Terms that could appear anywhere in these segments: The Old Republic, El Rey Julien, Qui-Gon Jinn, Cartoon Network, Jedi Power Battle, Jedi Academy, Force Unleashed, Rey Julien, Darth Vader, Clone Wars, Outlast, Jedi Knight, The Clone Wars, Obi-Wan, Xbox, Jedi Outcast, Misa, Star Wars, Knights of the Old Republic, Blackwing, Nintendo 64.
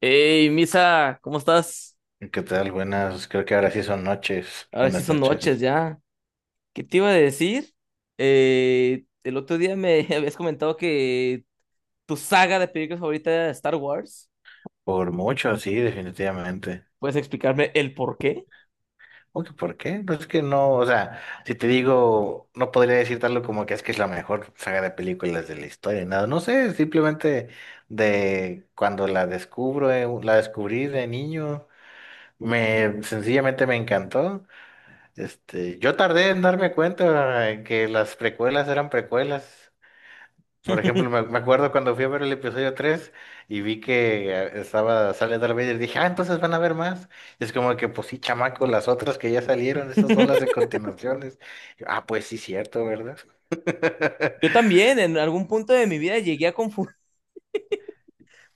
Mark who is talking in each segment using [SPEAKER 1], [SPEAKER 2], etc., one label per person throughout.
[SPEAKER 1] Hey, Misa, ¿cómo estás?
[SPEAKER 2] ¿Qué tal? Buenas, creo que ahora sí son noches.
[SPEAKER 1] Ahora sí
[SPEAKER 2] Buenas
[SPEAKER 1] son noches
[SPEAKER 2] noches.
[SPEAKER 1] ya. ¿Qué te iba a decir? El otro día me habías comentado que tu saga de películas favorita era Star Wars.
[SPEAKER 2] Por mucho, sí, definitivamente.
[SPEAKER 1] ¿Puedes explicarme el por qué?
[SPEAKER 2] Aunque, ¿por qué? Pues es que no, o sea, si te digo, no podría decir tal como que es la mejor saga de películas de la historia, nada, no sé, simplemente de cuando la descubro, la descubrí de niño, me sencillamente me encantó. Este, yo tardé en darme cuenta que las precuelas eran precuelas. Por ejemplo, me acuerdo cuando fui a ver el episodio 3 y vi que sale Darth Vader, dije, ah, entonces van a ver más. Y es como que, pues sí, chamaco, las otras que ya salieron, esas son las de continuaciones. Yo, ah, pues sí, cierto, ¿verdad?
[SPEAKER 1] Yo también, en algún punto de mi vida llegué a confundir.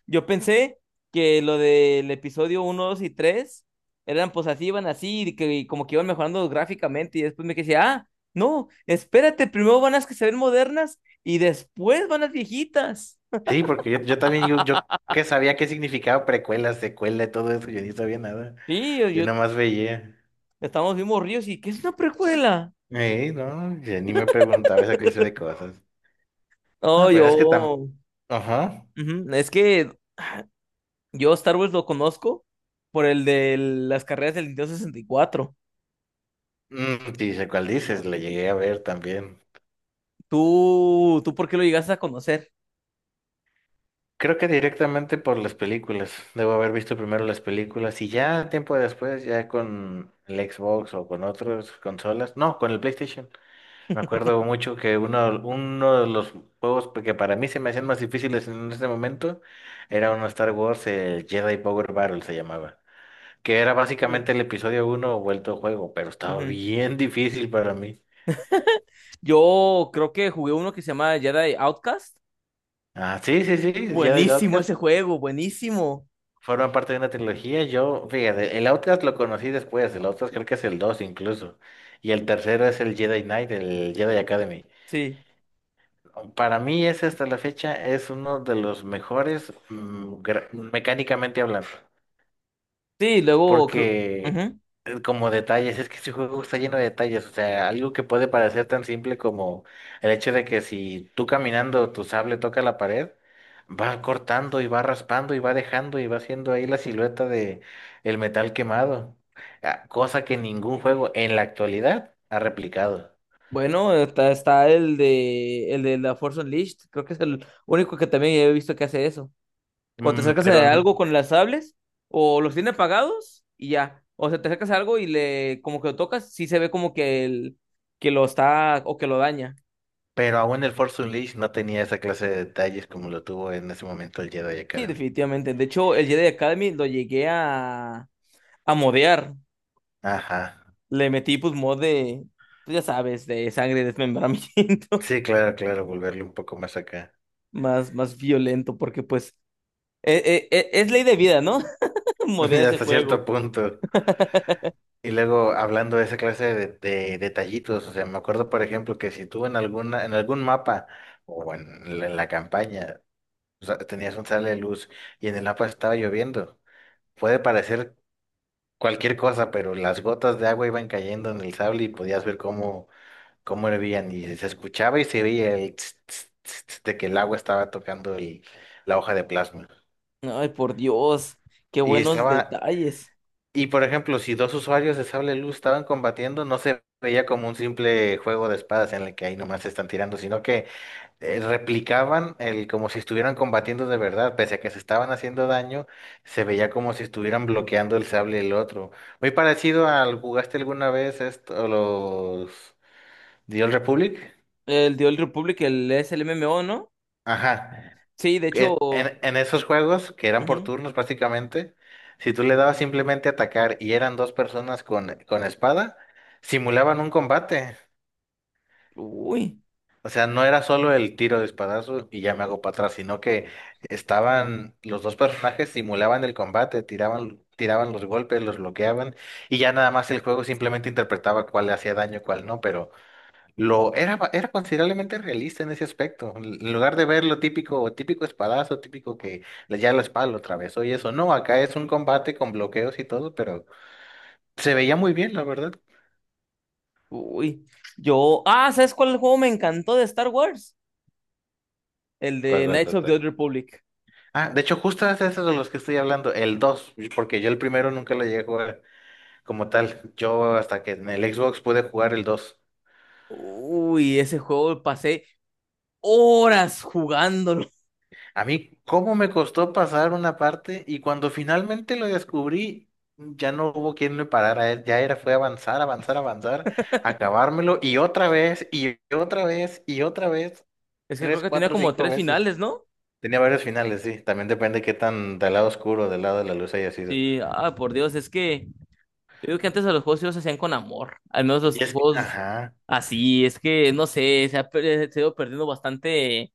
[SPEAKER 1] Yo pensé que lo del episodio uno 2 y 3 eran pues así, iban así, y que como que iban mejorando gráficamente, y después me quedé, ah, no, espérate, primero van las que se ven modernas y después van las viejitas.
[SPEAKER 2] Sí, porque yo también, yo que sabía qué significaba precuela, secuela y todo eso, yo ni sabía nada,
[SPEAKER 1] Sí,
[SPEAKER 2] yo nada más veía.
[SPEAKER 1] estamos bien morridos y ¿qué es una precuela?
[SPEAKER 2] No, yo ni me preguntaba esa clase de cosas.
[SPEAKER 1] No,
[SPEAKER 2] No, pero es que también,
[SPEAKER 1] yo,
[SPEAKER 2] ajá,
[SPEAKER 1] ujú, es que yo Star Wars lo conozco por el de las carreras del Nintendo 64.
[SPEAKER 2] mm, sí, sé cuál dices, la llegué a ver también.
[SPEAKER 1] ¿Tú por qué lo llegaste a conocer?
[SPEAKER 2] Creo que directamente por las películas. Debo haber visto primero las películas y ya tiempo después, ya con el Xbox o con otras consolas. No, con el PlayStation. Me acuerdo mucho que uno de los juegos que para mí se me hacían más difíciles en ese momento era uno Star Wars, el Jedi Power Battle se llamaba. Que era
[SPEAKER 1] Ujú.
[SPEAKER 2] básicamente el episodio uno vuelto juego, pero estaba bien difícil para mí.
[SPEAKER 1] Yo creo que jugué uno que se llama Jedi Outcast.
[SPEAKER 2] Ah, sí, Jedi
[SPEAKER 1] Buenísimo
[SPEAKER 2] Outcast
[SPEAKER 1] ese juego, buenísimo.
[SPEAKER 2] forma parte de una trilogía. Yo, fíjate, el Outlast lo conocí después. El Outlast creo que es el 2 incluso. Y el tercero es el Jedi Knight, el Jedi Academy.
[SPEAKER 1] Sí.
[SPEAKER 2] Para mí ese hasta la fecha es uno de los mejores, mecánicamente hablando,
[SPEAKER 1] Sí, luego creo-
[SPEAKER 2] porque
[SPEAKER 1] ujú.
[SPEAKER 2] como detalles, es que este juego está lleno de detalles, o sea, algo que puede parecer tan simple como el hecho de que si tú caminando tu sable toca la pared, va cortando y va raspando y va dejando y va haciendo ahí la silueta de el metal quemado, ah, cosa que ningún juego en la actualidad ha replicado.
[SPEAKER 1] Bueno, está el de la Force Unleashed. Creo que es el único que también he visto que hace eso. Cuando te
[SPEAKER 2] Mm,
[SPEAKER 1] acercas
[SPEAKER 2] pero
[SPEAKER 1] a algo
[SPEAKER 2] n-
[SPEAKER 1] con las sables, o los tiene apagados y ya. O sea, te acercas a algo y le como que lo tocas, sí se ve como que el que lo está o que lo daña.
[SPEAKER 2] pero aún el Force Unleashed no tenía esa clase de detalles como lo tuvo en ese momento el Jedi
[SPEAKER 1] Sí,
[SPEAKER 2] Academy.
[SPEAKER 1] definitivamente. De hecho, el Jedi Academy lo llegué a modear.
[SPEAKER 2] Ajá.
[SPEAKER 1] Le metí pues mod de, pues, ya sabes, de sangre, desmembramiento,
[SPEAKER 2] Sí, claro, claro, volverle un poco más acá.
[SPEAKER 1] más violento, porque pues es ley de vida, ¿no? Modear ese
[SPEAKER 2] Hasta cierto
[SPEAKER 1] juego.
[SPEAKER 2] punto. Y luego hablando de esa clase de detallitos, o sea, me acuerdo por ejemplo que si tú en algún mapa o en la campaña, o sea, tenías un sale de luz y en el mapa estaba lloviendo, puede parecer cualquier cosa, pero las gotas de agua iban cayendo en el sable y podías ver cómo hervían y se escuchaba y se veía el tss, tss, tss, tss de que el agua estaba tocando la hoja de plasma.
[SPEAKER 1] Ay, por Dios, qué
[SPEAKER 2] Y
[SPEAKER 1] buenos
[SPEAKER 2] estaba
[SPEAKER 1] detalles.
[SPEAKER 2] Y por ejemplo, si dos usuarios de sable luz estaban combatiendo, no se veía como un simple juego de espadas en el que ahí nomás se están tirando, sino que replicaban el como si estuvieran combatiendo de verdad, pese a que se estaban haciendo daño, se veía como si estuvieran bloqueando el sable del otro. Muy parecido al ¿jugaste alguna vez esto, los The Old Republic?
[SPEAKER 1] El The Old Republic, el es el MMO, ¿no?
[SPEAKER 2] Ajá.
[SPEAKER 1] Sí, de hecho, ujú.
[SPEAKER 2] En esos juegos, que eran por turnos prácticamente, si tú le dabas simplemente atacar y eran dos personas con espada, simulaban un combate.
[SPEAKER 1] Uy,
[SPEAKER 2] O sea, no era solo el tiro de espadazo y ya me hago para atrás, sino que estaban los dos personajes simulaban el combate, tiraban los golpes, los bloqueaban y ya nada más el juego simplemente interpretaba cuál le hacía daño, cuál no, pero era considerablemente realista en ese aspecto. En lugar de ver lo típico, típico espadazo, típico ya la espada lo atravesó y eso. No, acá es un combate con bloqueos y todo, pero se veía muy bien, la verdad.
[SPEAKER 1] uy. Yo, ah, ¿sabes cuál juego me encantó de Star Wars? El de Knights of the
[SPEAKER 2] Cuál?
[SPEAKER 1] Old Republic.
[SPEAKER 2] Ah, de hecho, justo es eso de los que estoy hablando, el dos, porque yo el primero nunca lo llegué a jugar como tal. Yo hasta que en el Xbox pude jugar el dos.
[SPEAKER 1] Uy, ese juego pasé horas jugándolo.
[SPEAKER 2] A mí, ¿cómo me costó pasar una parte? Y cuando finalmente lo descubrí, ya no hubo quien me parara. Ya era, fue avanzar, avanzar, avanzar, acabármelo y otra vez, y otra vez, y otra vez,
[SPEAKER 1] Es que creo
[SPEAKER 2] tres,
[SPEAKER 1] que tenía
[SPEAKER 2] cuatro,
[SPEAKER 1] como
[SPEAKER 2] cinco
[SPEAKER 1] tres
[SPEAKER 2] veces.
[SPEAKER 1] finales, ¿no?
[SPEAKER 2] Tenía varios finales, sí. También depende qué tan del lado oscuro, del lado de la luz haya sido.
[SPEAKER 1] Sí, ah, por Dios, es que yo digo que antes a los juegos sí los hacían con amor, al menos
[SPEAKER 2] Y
[SPEAKER 1] los
[SPEAKER 2] es que,
[SPEAKER 1] juegos
[SPEAKER 2] ajá,
[SPEAKER 1] así, es que no sé, se ha ido perdiendo bastante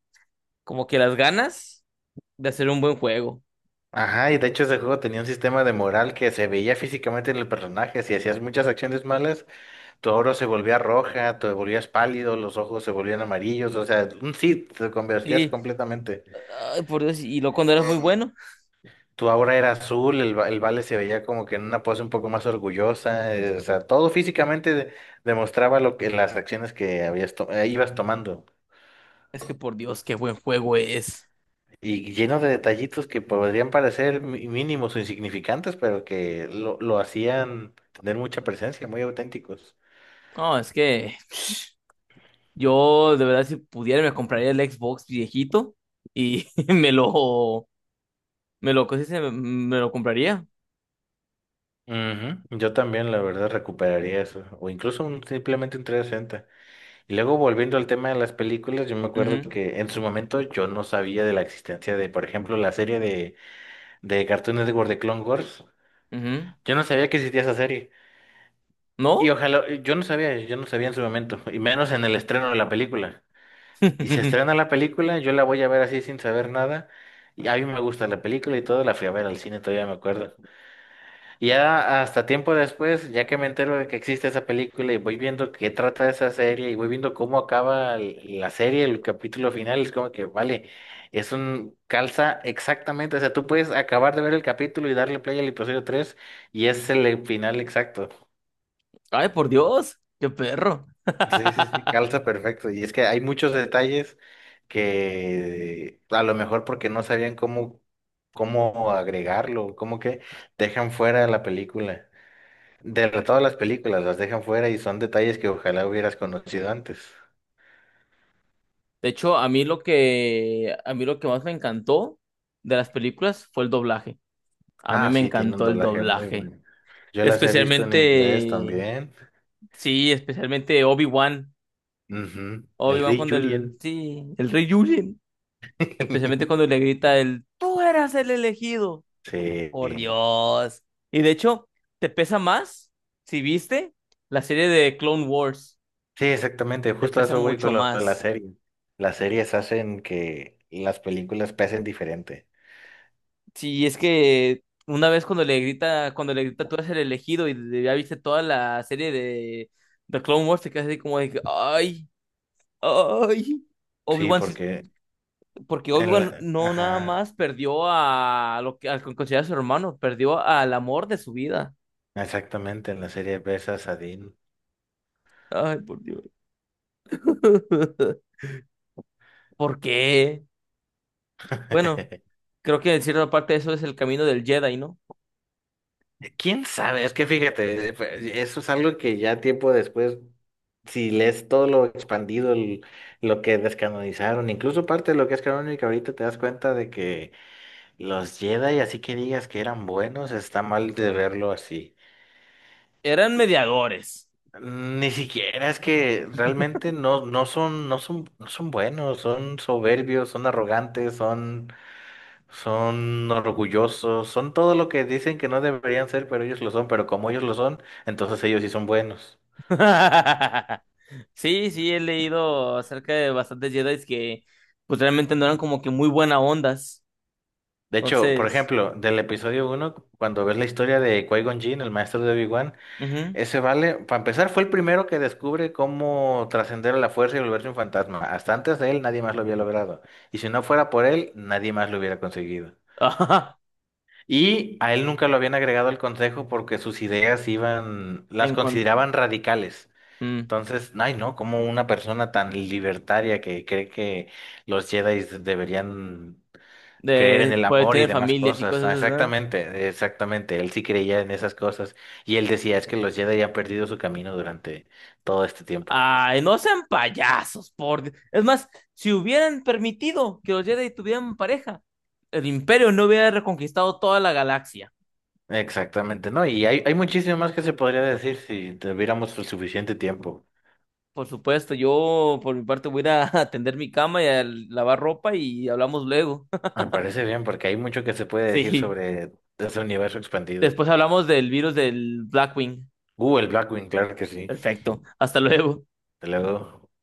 [SPEAKER 1] como que las ganas de hacer un buen juego.
[SPEAKER 2] ajá, Y de hecho ese juego tenía un sistema de moral que se veía físicamente en el personaje. Si hacías muchas acciones malas, tu oro se volvía roja, te volvías pálido, los ojos se volvían amarillos, o sea, sí, te convertías
[SPEAKER 1] Sí,
[SPEAKER 2] completamente.
[SPEAKER 1] ay, por Dios, y luego cuando era muy bueno,
[SPEAKER 2] Tu aura era azul, el vale se veía como que en una pose un poco más orgullosa, o sea, todo físicamente demostraba lo que las acciones que ibas tomando.
[SPEAKER 1] es que por Dios, qué buen juego es.
[SPEAKER 2] Y lleno de detallitos que podrían parecer mínimos o insignificantes, pero que lo hacían tener mucha presencia, muy auténticos.
[SPEAKER 1] No, es que yo de verdad si pudiera me compraría el Xbox viejito y me lo, ¿cómo se dice? Me lo compraría.
[SPEAKER 2] Ujú, yo también, la verdad, recuperaría eso. O incluso simplemente un 360. Y luego volviendo al tema de las películas, yo me acuerdo
[SPEAKER 1] Ujú,
[SPEAKER 2] que en su momento yo no sabía de la existencia de, por ejemplo, la serie de Cartoon Network de Clone Wars.
[SPEAKER 1] ujú.
[SPEAKER 2] Yo no sabía que existía esa serie. Y
[SPEAKER 1] ¿No?
[SPEAKER 2] ojalá, yo no sabía en su momento, y menos en el estreno de la película. Y se estrena la película, yo la voy a ver así sin saber nada. Y a mí me gusta la película y todo, la fui a ver al cine, todavía me acuerdo. Ya hasta tiempo después, ya que me entero de que existe esa película y voy viendo qué trata esa serie y voy viendo cómo acaba la serie, el capítulo final, es como que, vale, es un calza exactamente, o sea, tú puedes acabar de ver el capítulo y darle play al episodio tres y es el final exacto.
[SPEAKER 1] Ay, por Dios, qué perro.
[SPEAKER 2] Sí, calza perfecto. Y es que hay muchos detalles que a lo mejor porque no sabían cómo agregarlo, como que dejan fuera de la película. De todas las películas las dejan fuera y son detalles que ojalá hubieras conocido antes.
[SPEAKER 1] De hecho, a mí lo que más me encantó de las películas fue el doblaje. A mí
[SPEAKER 2] Ah,
[SPEAKER 1] me
[SPEAKER 2] sí, tiene un
[SPEAKER 1] encantó el
[SPEAKER 2] doblaje muy
[SPEAKER 1] doblaje.
[SPEAKER 2] bueno. Yo las he visto en inglés
[SPEAKER 1] Especialmente,
[SPEAKER 2] también.
[SPEAKER 1] sí, especialmente Obi-Wan.
[SPEAKER 2] Ujú, el
[SPEAKER 1] Obi-Wan
[SPEAKER 2] Rey
[SPEAKER 1] cuando el,
[SPEAKER 2] Julien.
[SPEAKER 1] sí, el Rey Julien. Especialmente cuando le grita el, tú eras el elegido.
[SPEAKER 2] Sí, sí,
[SPEAKER 1] Por Dios. Y de hecho, te pesa más, si viste, la serie de Clone Wars.
[SPEAKER 2] exactamente.
[SPEAKER 1] Te
[SPEAKER 2] Justo a
[SPEAKER 1] pesa
[SPEAKER 2] eso voy
[SPEAKER 1] mucho
[SPEAKER 2] con lo de la
[SPEAKER 1] más.
[SPEAKER 2] serie. Las series hacen que las películas pesen diferente.
[SPEAKER 1] Sí, es que una vez cuando le grita tú eres el elegido y ya viste toda la serie de The Clone Wars, te quedas así como de que, ay, ay,
[SPEAKER 2] Sí,
[SPEAKER 1] Obi-Wan, sí-
[SPEAKER 2] porque
[SPEAKER 1] porque
[SPEAKER 2] en
[SPEAKER 1] Obi-Wan
[SPEAKER 2] la...
[SPEAKER 1] no nada
[SPEAKER 2] Ajá,
[SPEAKER 1] más perdió a lo que al que considera su hermano, perdió al amor de su vida.
[SPEAKER 2] exactamente, en la serie besas a Dean.
[SPEAKER 1] Ay, por Dios. ¿Por qué? Bueno, creo que en cierta parte eso es el camino del Jedi, ¿no?
[SPEAKER 2] ¿Quién sabe? Es que fíjate, pues, eso es algo que ya tiempo después si lees todo lo expandido, lo que descanonizaron, incluso parte de lo que es canónico, ahorita te das cuenta de que los Jedi, así que digas que eran buenos, está mal de verlo así.
[SPEAKER 1] Eran
[SPEAKER 2] Y
[SPEAKER 1] mediadores.
[SPEAKER 2] Ni siquiera es que realmente no, no son buenos, son soberbios, son arrogantes, son orgullosos, son todo lo que dicen que no deberían ser, pero ellos lo son, pero como ellos lo son, entonces ellos sí son buenos.
[SPEAKER 1] Sí, sí, he leído acerca de bastantes Jedi que pues realmente no eran como que muy buena ondas.
[SPEAKER 2] De hecho, por
[SPEAKER 1] Entonces,
[SPEAKER 2] ejemplo, del episodio uno, cuando ves la historia de Qui-Gon Jinn, el maestro de Obi-Wan,
[SPEAKER 1] ujú.
[SPEAKER 2] ese vale, para empezar, fue el primero que descubre cómo trascender a la fuerza y volverse un fantasma. Hasta antes de él, nadie más lo había logrado. Y si no fuera por él, nadie más lo hubiera conseguido.
[SPEAKER 1] Ajá.
[SPEAKER 2] Y a él nunca lo habían agregado al consejo porque sus ideas iban, las
[SPEAKER 1] En con-
[SPEAKER 2] consideraban radicales.
[SPEAKER 1] mm.
[SPEAKER 2] Entonces, ay no, como una persona tan libertaria que cree que los Jedi deberían creer en
[SPEAKER 1] De,
[SPEAKER 2] el
[SPEAKER 1] poder
[SPEAKER 2] amor y
[SPEAKER 1] tener
[SPEAKER 2] demás
[SPEAKER 1] familias y
[SPEAKER 2] cosas.
[SPEAKER 1] cosas
[SPEAKER 2] Ah,
[SPEAKER 1] así. ¿Eh?
[SPEAKER 2] exactamente, exactamente. Él sí creía en esas cosas. Y él decía, es que los Jedi han perdido su camino durante todo este tiempo.
[SPEAKER 1] Ay, no sean payasos, por Dios. Es más, si hubieran permitido que los Jedi tuvieran pareja, el Imperio no hubiera reconquistado toda la galaxia.
[SPEAKER 2] Exactamente, ¿no? Y hay muchísimo más que se podría decir si tuviéramos el suficiente tiempo.
[SPEAKER 1] Por supuesto, yo por mi parte voy a ir a atender mi cama y a lavar ropa y hablamos luego.
[SPEAKER 2] Me parece bien, porque hay mucho que se puede decir
[SPEAKER 1] Sí.
[SPEAKER 2] sobre ese universo expandido.
[SPEAKER 1] Después hablamos del virus del Blackwing.
[SPEAKER 2] El Blackwing, claro que sí.
[SPEAKER 1] Perfecto. Hasta luego.
[SPEAKER 2] Te lo doy.